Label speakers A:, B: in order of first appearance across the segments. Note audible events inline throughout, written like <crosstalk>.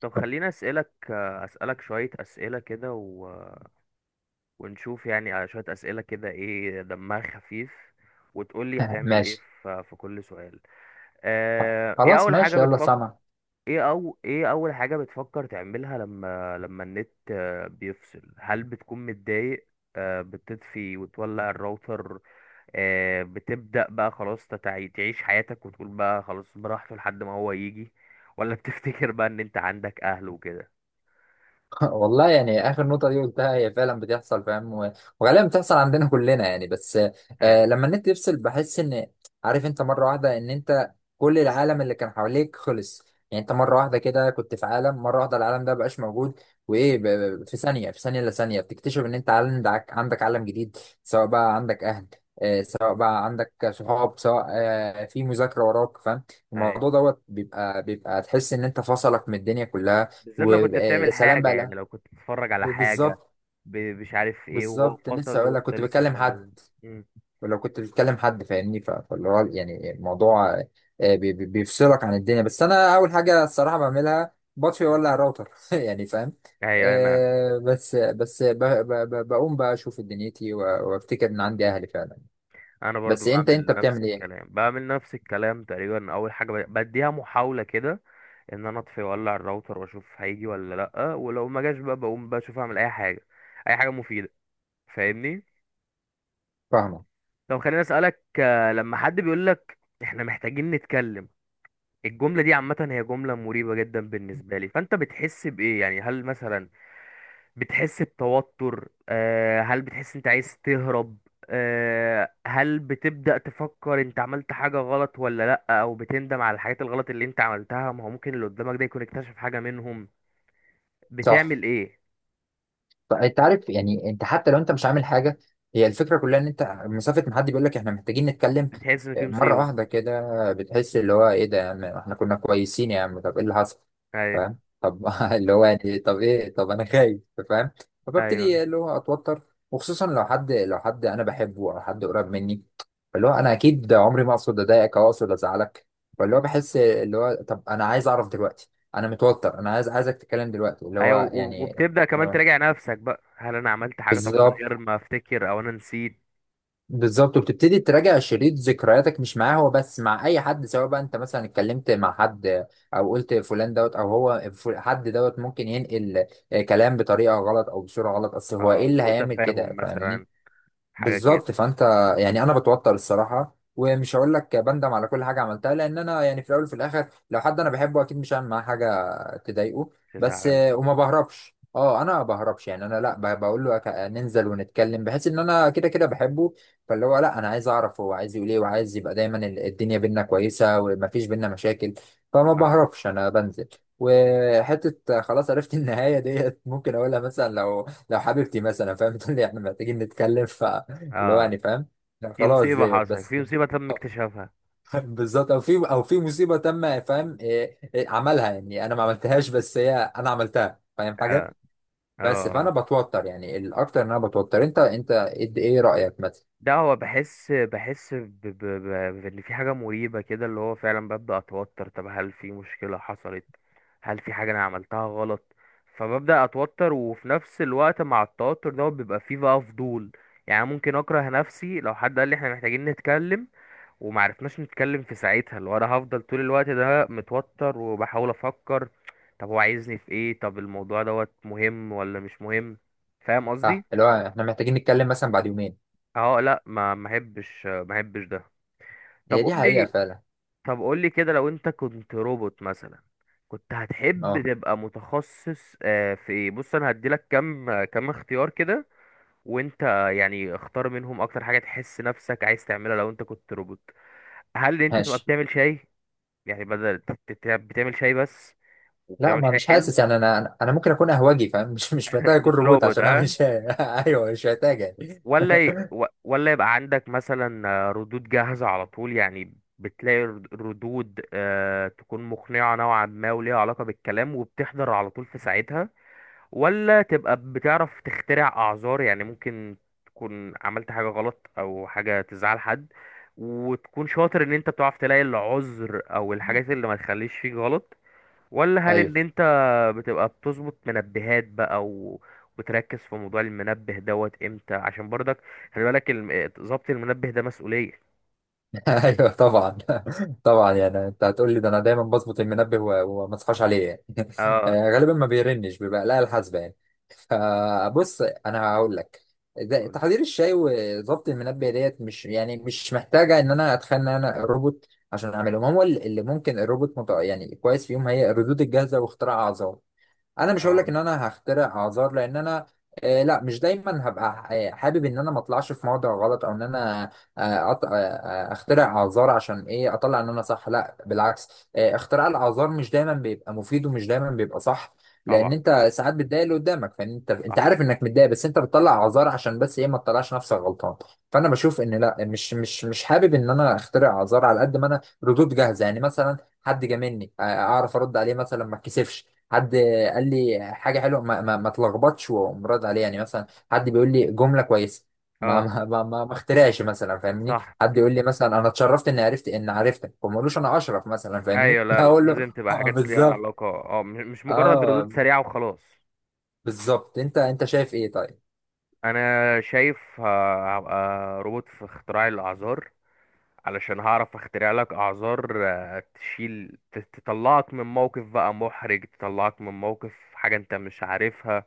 A: طب خليني اسالك شويه اسئله كده ونشوف يعني على شويه اسئله كده ايه دمها خفيف، وتقولي هتعمل ايه
B: ماشي،
A: في كل سؤال. ايه
B: خلاص
A: اول حاجه
B: ماشي، يلا
A: بتفكر؟
B: سامع.
A: ايه اول حاجه بتفكر تعملها لما النت بيفصل؟ هل بتكون متضايق؟ بتطفي وتولع الراوتر؟ بتبدا بقى خلاص تعيش حياتك وتقول بقى خلاص براحته لحد ما هو يجي؟ ولا <laughs> بتفتكر بقى ان انت عندك اهل وكده؟
B: <laughs> والله يعني اخر نقطه دي قلتها هي فعلا بتحصل، فاهم؟ و- وغالبا بتحصل عندنا كلنا يعني. بس آه لما النت يفصل بحس ان، عارف انت، مره واحده ان انت كل العالم اللي كان حواليك خلص. يعني انت مره واحده كده كنت في عالم، مره واحده العالم ده مبقاش موجود. وايه ب-
A: مم.
B: في ثانيه، في ثانيه الا ثانيه، بتكتشف ان انت عندك عالم جديد، سواء بقى عندك اهل، آه سواء بقى عندك صحاب، سواء آه في مذاكره وراك، فاهم؟
A: اي.
B: الموضوع دوت بيبقى تحس ان انت فصلك من الدنيا كلها
A: بالذات لو كنت بتعمل
B: وسلام
A: حاجة، يعني
B: بقى.
A: لو كنت بتتفرج
B: ب-
A: على حاجة،
B: بالظبط.
A: مش عارف ايه وهو
B: بالظبط، لسه
A: فصل
B: اقول لك،
A: وانت
B: كنت
A: لسه
B: بكلم حد،
A: بتعمل. مم.
B: ولو كنت بتكلم حد فاهمني، ف- فاللي هو يعني الموضوع آه، بيفصلك عن الدنيا. بس انا اول حاجه الصراحه بعملها، بطفي
A: مم.
B: اولع الراوتر <laughs> يعني فاهم.
A: ايوه. انا
B: آه بس بس ب- ب- ب- بقوم بقى اشوف دنيتي و- وافتكر ان عندي اهلي فعلا.
A: انا برضو
B: بس انت، انت
A: بعمل نفس
B: بتعمل ايه؟
A: الكلام، بعمل نفس الكلام تقريبا. اول حاجة بديها محاولة كده، ان انا اطفي واولع الراوتر واشوف هيجي ولا لا، ولو ما جاش بقى بقوم بشوف اعمل اي حاجة، اي حاجة مفيدة. فاهمني؟
B: فاهمه.
A: طب خليني اسألك، لما حد بيقول لك احنا محتاجين نتكلم، الجملة دي عامة، هي جملة مريبة جدا بالنسبة لي، فأنت بتحس بإيه يعني؟ هل مثلا بتحس بتوتر؟ هل بتحس أنت عايز تهرب؟ هل بتبدأ تفكر أنت عملت حاجة غلط ولا لأ، أو بتندم على الحاجات الغلط اللي أنت عملتها؟ ما هو ممكن اللي قدامك ده يكون اكتشف حاجة منهم.
B: صح،
A: بتعمل إيه؟
B: فانت عارف يعني انت حتى لو انت مش عامل حاجه، هي الفكره كلها ان انت مسافه، ما حد بيقول لك احنا محتاجين نتكلم،
A: بتحس إن في
B: آه، مره
A: مصيبة؟
B: واحده كده بتحس اللي هو ايه ده يا عم؟ احنا كنا كويسين يا عم، طب ايه اللي حصل؟
A: أيوه.
B: فاهم؟ طب <laughs> اللي هو يعني طب ايه؟ طب انا خايف، فاهم؟
A: أيوه.
B: فببتدي اللي هو اتوتر، وخصوصا لو حد، لو حد انا بحبه او حد قريب مني، اللي هو انا اكيد عمري ما اقصد اضايقك او اقصد ازعلك، فاللي هو بحس اللي هو طب انا عايز اعرف دلوقتي، انا متوتر، انا عايز، عايزك تتكلم دلوقتي، اللي
A: أيوه،
B: هو
A: و-
B: يعني
A: وبتبدأ كمان تراجع نفسك بقى، هل أنا عملت حاجة طب من
B: بالظبط.
A: غير ما أفتكر، أو أنا نسيت.
B: بالظبط، وبتبتدي تراجع شريط ذكرياتك مش معاه هو بس، مع اي حد، سواء بقى انت مثلا اتكلمت مع حد او قلت فلان دوت او هو حد دوت ممكن ينقل آه، كلام بطريقه غلط او بصوره غلط، اصل هو ايه
A: اه،
B: اللي
A: سوء
B: هيعمل
A: تفاهم
B: كده؟ فاهمني؟
A: مثلا، حاجة كده
B: بالظبط، فانت يعني انا بتوتر الصراحه، ومش هقول لك بندم على كل حاجه عملتها، لان انا يعني في الاول وفي الاخر لو حد انا بحبه اكيد مش هعمل معاه حاجه تضايقه بس.
A: تزعل.
B: وما بهربش، اه انا ما بهربش يعني، انا لا بقول له ننزل ونتكلم، بحيث ان انا كده كده بحبه، فاللي هو لا انا عايز اعرف هو عايز يقول ايه، وعايز يبقى دايما ال- الدنيا بينا كويسه، ومفيش بينا مشاكل. فما
A: اه.
B: بهربش، انا بنزل وحته خلاص عرفت. <laughs> النهايه ديت ممكن اقولها مثلا لو، لو حبيبتي مثلا، فاهم؟ <laughs> تقول لي احنا محتاجين نتكلم، اللي هو
A: آه.
B: يعني فاهم، لا
A: في
B: خلاص،
A: مصيبة
B: ديت
A: حصلت،
B: بس.
A: في مصيبة تم اكتشافها.
B: <laughs> بالظبط، او في، او في مصيبه تم، فاهم؟ إيه، إيه، عملها يعني، انا ما عملتهاش، بس هي انا عملتها، فاهم
A: اه.
B: حاجه؟
A: اه.
B: بس فانا
A: آه.
B: بتوتر يعني، الاكتر ان انا بتوتر. انت، انت ايه رايك مثلا؟
A: ده هو بحس بان في حاجة مريبة كده، اللي هو فعلا ببدأ اتوتر، طب هل في مشكلة حصلت، هل في حاجة انا عملتها غلط؟ فببدأ اتوتر، وفي نفس الوقت مع التوتر ده بيبقى فيه بقى فضول. يعني ممكن اكره نفسي لو حد قال لي احنا محتاجين نتكلم وما عرفناش نتكلم في ساعتها، اللي هو انا هفضل طول الوقت ده متوتر وبحاول افكر طب هو عايزني في ايه، طب الموضوع دوت مهم ولا مش مهم. فاهم
B: ها
A: قصدي؟
B: اللي هو احنا محتاجين نتكلم مثلا بعد يومين.
A: اه، لا، ما احبش ده. طب
B: هي
A: قول
B: دي حقيقه
A: لي
B: فعلا.
A: طب قول لي كده لو انت كنت روبوت مثلا، كنت هتحب
B: اه
A: تبقى متخصص في ايه؟ بص انا هديلك كام، كام اختيار كده، وانت يعني اختار منهم اكتر حاجة تحس نفسك عايز تعملها لو انت كنت روبوت. هل انت تبقى
B: ماشي.
A: بتعمل شاي يعني، بدل بتعمل شاي بس،
B: لا،
A: وبتعمل
B: ما
A: شاي
B: مش
A: حلو؟
B: حاسس يعني، انا انا أنا ممكن اكون اهواجي فاهم، <laughs> مش مش محتاج
A: <laughs>
B: اكون
A: مش
B: روبوت
A: روبوت
B: عشان
A: ها؟
B: اعمل شيء. <laughs> ايوه مش محتاج يعني.
A: ولا ي...
B: <laughs>
A: و- ولا يبقى عندك مثلا ردود جاهزة على طول يعني، بتلاقي ردود تكون مقنعة نوعا ما وليها علاقة بالكلام وبتحضر على طول في ساعتها؟ ولا تبقى بتعرف تخترع أعذار، يعني ممكن تكون عملت حاجة غلط أو حاجة تزعل حد، وتكون شاطر إن أنت بتعرف تلاقي العذر أو الحاجات اللي ما تخليش فيك غلط؟ ولا هل ان
B: ايوه.
A: انت بتبقى بتظبط منبهات بقى وتركز في موضوع المنبه دوت امتى، عشان برضك خلي بالك، ظبط المنبه ده مسؤولية؟
B: <laughs> ايوه طبعا. <laughs> طبعا يعني انت هتقول لي ده، انا دايما بظبط المنبه و- وما اصحاش عليه يعني. <laughs>
A: اه.
B: آه، غالبا ما بيرنش، بيبقى لا الحاسبه يعني. فبص انا هقول لك، ده تحضير الشاي وظبط المنبه ديت مش يعني، مش محتاجه ان انا اتخيل ان انا روبوت عشان اعملهم، هو اللي ممكن الروبوت متع... يعني كويس فيهم هي الردود الجاهزه، واختراع اعظم. انا مش هقول
A: اه
B: لك ان انا هخترع اعذار لان انا آه لا، مش دايما هبقى آه، حابب ان انا ما اطلعش في موضع غلط، او ان انا آه أط... آه آه، اخترع اعذار عشان ايه؟ اطلع ان انا صح، لا بالعكس، آه اختراع الاعذار مش دايما بيبقى مفيد، ومش دايما بيبقى صح، لان
A: طبعا.
B: انت ساعات بتضايق اللي قدامك، فانت، انت
A: صح.
B: عارف انك متضايق، بس انت بتطلع اعذار عشان بس ايه؟ ما تطلعش نفسك غلطان. فانا بشوف ان لا، مش حابب ان انا اخترع اعذار، على قد ما انا ردود جاهزه يعني، مثلا حد جاملني آه، اعرف ارد عليه مثلا، ما اتكسفش. حد قال لي حاجه حلوه، ما تلخبطش، وأقوم رد عليه يعني، مثلا حد بيقول لي جمله كويسه، ما
A: اه
B: ما ما, ما, ما اخترعش مثلا، فاهمني؟
A: صح.
B: حد يقول لي مثلا انا اتشرفت اني عرفت، ان عرفتك، وما اقولوش انا اشرف مثلا، فاهمني؟
A: ايوه،
B: <laughs>
A: لا
B: اقول له
A: لازم تبقى
B: اه
A: حاجات ليها
B: بالظبط.
A: علاقة، اه، مش مجرد ردود
B: اه
A: سريعة وخلاص.
B: بالظبط. انت، انت شايف ايه طيب؟
A: انا شايف هبقى روبوت في اختراع الاعذار، علشان هعرف اخترع لك اعذار تشيل، تطلعك من موقف بقى محرج، تطلعك من موقف حاجة انت مش عارفها.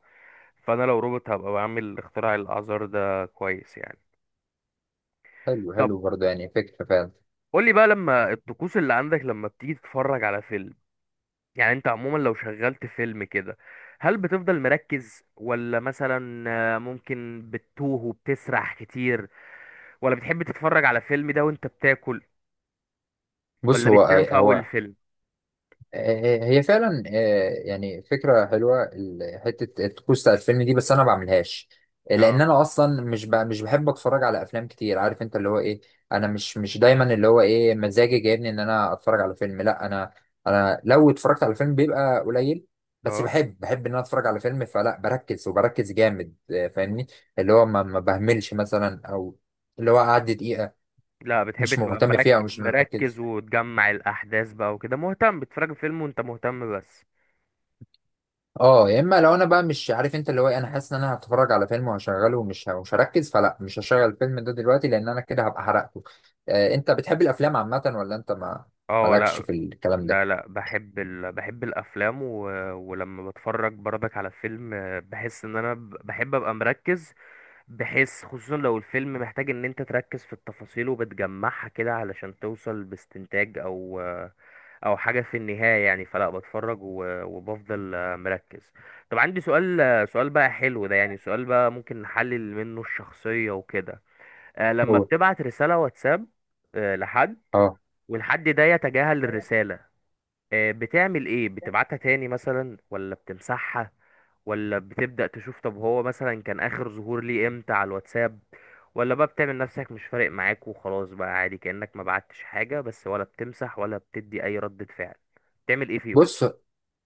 A: فانا لو روبوت هبقى بعمل اختراع الاعذار ده كويس يعني.
B: حلو
A: طب
B: حلو برضه، يعني فكره فعلا.
A: قولي بقى، لما الطقوس اللي عندك لما بتيجي تتفرج على فيلم، يعني انت عموما لو شغلت فيلم كده هل بتفضل مركز، ولا مثلا ممكن بتتوه وبتسرح كتير، ولا بتحب تتفرج على فيلم ده وانت بتاكل،
B: بص
A: ولا
B: هو،
A: بتنام في اول
B: هو
A: الفيلم؟
B: آه، هي فعلا آه، يعني فكرة حلوة حتة الطقوس بتاع الفيلم دي، بس أنا ما بعملهاش،
A: اه.
B: لأن أنا أصلا مش بحب أتفرج على أفلام كتير، عارف أنت اللي هو إيه. أنا مش دايما اللي هو إيه، مزاجي جايبني إن أنا أتفرج على فيلم، لا أنا، أنا لو اتفرجت على فيلم بيبقى قليل، بس
A: اه،
B: بحب إن أنا أتفرج على فيلم، فلا بركز، وبركز جامد آه، فاهمني؟ اللي هو ما بهملش مثلا، أو اللي هو أعدي دقيقة
A: لا بتحب
B: مش
A: تبقى
B: مهتم فيها، أو
A: مركز
B: مش مركز.
A: مركز وتجمع الأحداث بقى وكده. مهتم بتتفرج فيلم وأنت مهتم بس.
B: اه يا اما لو انا بقى مش عارف انت اللي هو إيه، انا حاسس ان انا هتفرج على فيلم وهشغله، ومش مش هركز، فلا مش هشغل الفيلم ده دلوقتي، لان انا كده هبقى حرقته. آه انت بتحب الافلام عامه، ولا انت ما
A: اه.
B: مالكش
A: لا
B: في الكلام ده؟
A: لا لا، بحب الافلام ولما بتفرج برضك على فيلم بحس ان انا بحب ابقى مركز، بحيث خصوصا لو الفيلم محتاج ان انت تركز في التفاصيل وبتجمعها كده علشان توصل باستنتاج او حاجة في النهاية يعني. فلا بتفرج وبفضل مركز. طب عندي سؤال، سؤال بقى حلو ده يعني، سؤال بقى ممكن نحلل منه الشخصية وكده. لما
B: قول.
A: بتبعت رسالة واتساب لحد،
B: اه
A: والحد ده يتجاهل الرسالة، بتعمل ايه؟ بتبعتها تاني مثلا، ولا بتمسحها، ولا بتبدأ تشوف طب هو مثلا كان آخر ظهور ليه امتى على الواتساب، ولا بقى بتعمل نفسك مش فارق معاك وخلاص بقى عادي كأنك ما بعتش حاجة بس، ولا بتمسح ولا بتدي أي ردة فعل؟ بتعمل ايه فيهم؟
B: بص،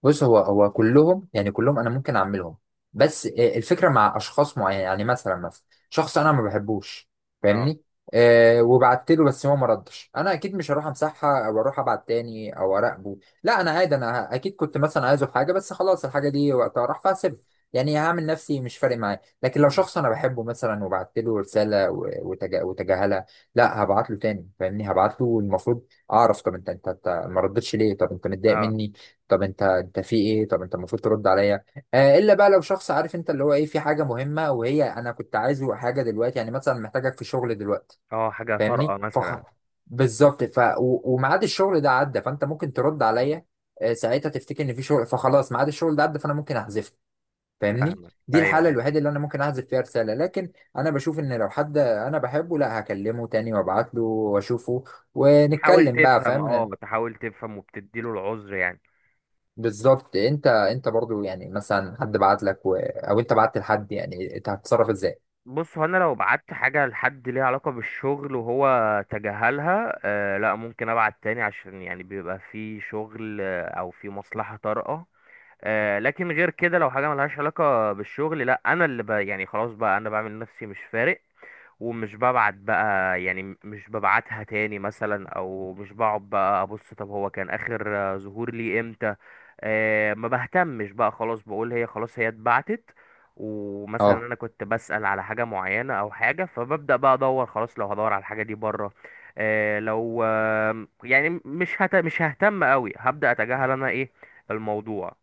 B: بص هو هو كلهم يعني، كلهم انا ممكن اعملهم، بس آه، الفكره مع اشخاص معينه يعني، مثلا شخص انا ما بحبوش،
A: اه.
B: فاهمني؟ أه وبعت له بس هو ما ردش، انا اكيد مش هروح امسحها، او اروح ابعت تاني، او اراقبه، لا انا عادي، انا اكيد كنت مثلا عايزه في حاجه، بس خلاص الحاجه دي وقتها راح، فهسيبها يعني، هعمل نفسي مش فارق معايا. لكن لو
A: مم.
B: شخص انا بحبه مثلا، وبعت له رساله و- وتجا- وتجاهلها، لا هبعت له تاني، فاهمني؟ هبعت له، المفروض اعرف طب انت، أنت ما ردتش ليه؟ طب انت متضايق
A: اه.
B: مني؟ طب انت، في ايه؟ طب انت المفروض ترد عليا. آه الا بقى لو شخص، عارف انت اللي هو ايه، في حاجه مهمه، وهي انا كنت عايزه حاجه دلوقتي، يعني مثلا محتاجك في شغل دلوقتي،
A: اه، حاجة طارئة
B: فاهمني؟ فخ
A: مثلا.
B: بالظبط، و- وميعاد الشغل ده عدى، فانت ممكن ترد عليا آه، ساعتها تفتكر ان في شغل، فخلاص ميعاد الشغل ده عدى، فانا ممكن احذفه، فاهمني؟
A: فاهمك.
B: دي
A: ايوه.
B: الحاله
A: ايوه،
B: الوحيده اللي انا ممكن احذف فيها رساله، لكن انا بشوف ان لو حد انا بحبه، لا هكلمه تاني، وابعت له واشوفه
A: تحاول
B: ونتكلم بقى،
A: تفهم
B: فاهم؟
A: اه تحاول تفهم وبتديله العذر يعني.
B: بالظبط. انت، انت برضو يعني مثلا حد بعت لك و... او انت بعت لحد، يعني انت هتتصرف ازاي؟
A: بص هو انا لو بعت حاجه لحد ليها علاقه بالشغل وهو تجاهلها، لا ممكن ابعت تاني، عشان يعني بيبقى في شغل او في مصلحه طارئه. لكن غير كده لو حاجه ملهاش علاقه بالشغل، لا انا اللي ب يعني خلاص بقى انا بعمل نفسي مش فارق، ومش ببعت بقى يعني، مش ببعتها تاني مثلا، او مش بقعد بقى ابص طب هو كان اخر ظهور ليه امتى. ما بهتمش بقى خلاص، بقول هي خلاص، هي اتبعتت. ومثلا
B: اه
A: انا كنت بسأل على حاجة معينة او حاجة، فببدأ بقى ادور. خلاص لو هدور على الحاجة دي بره لو يعني مش ههتم قوي، هبدأ اتجاهل انا ايه الموضوع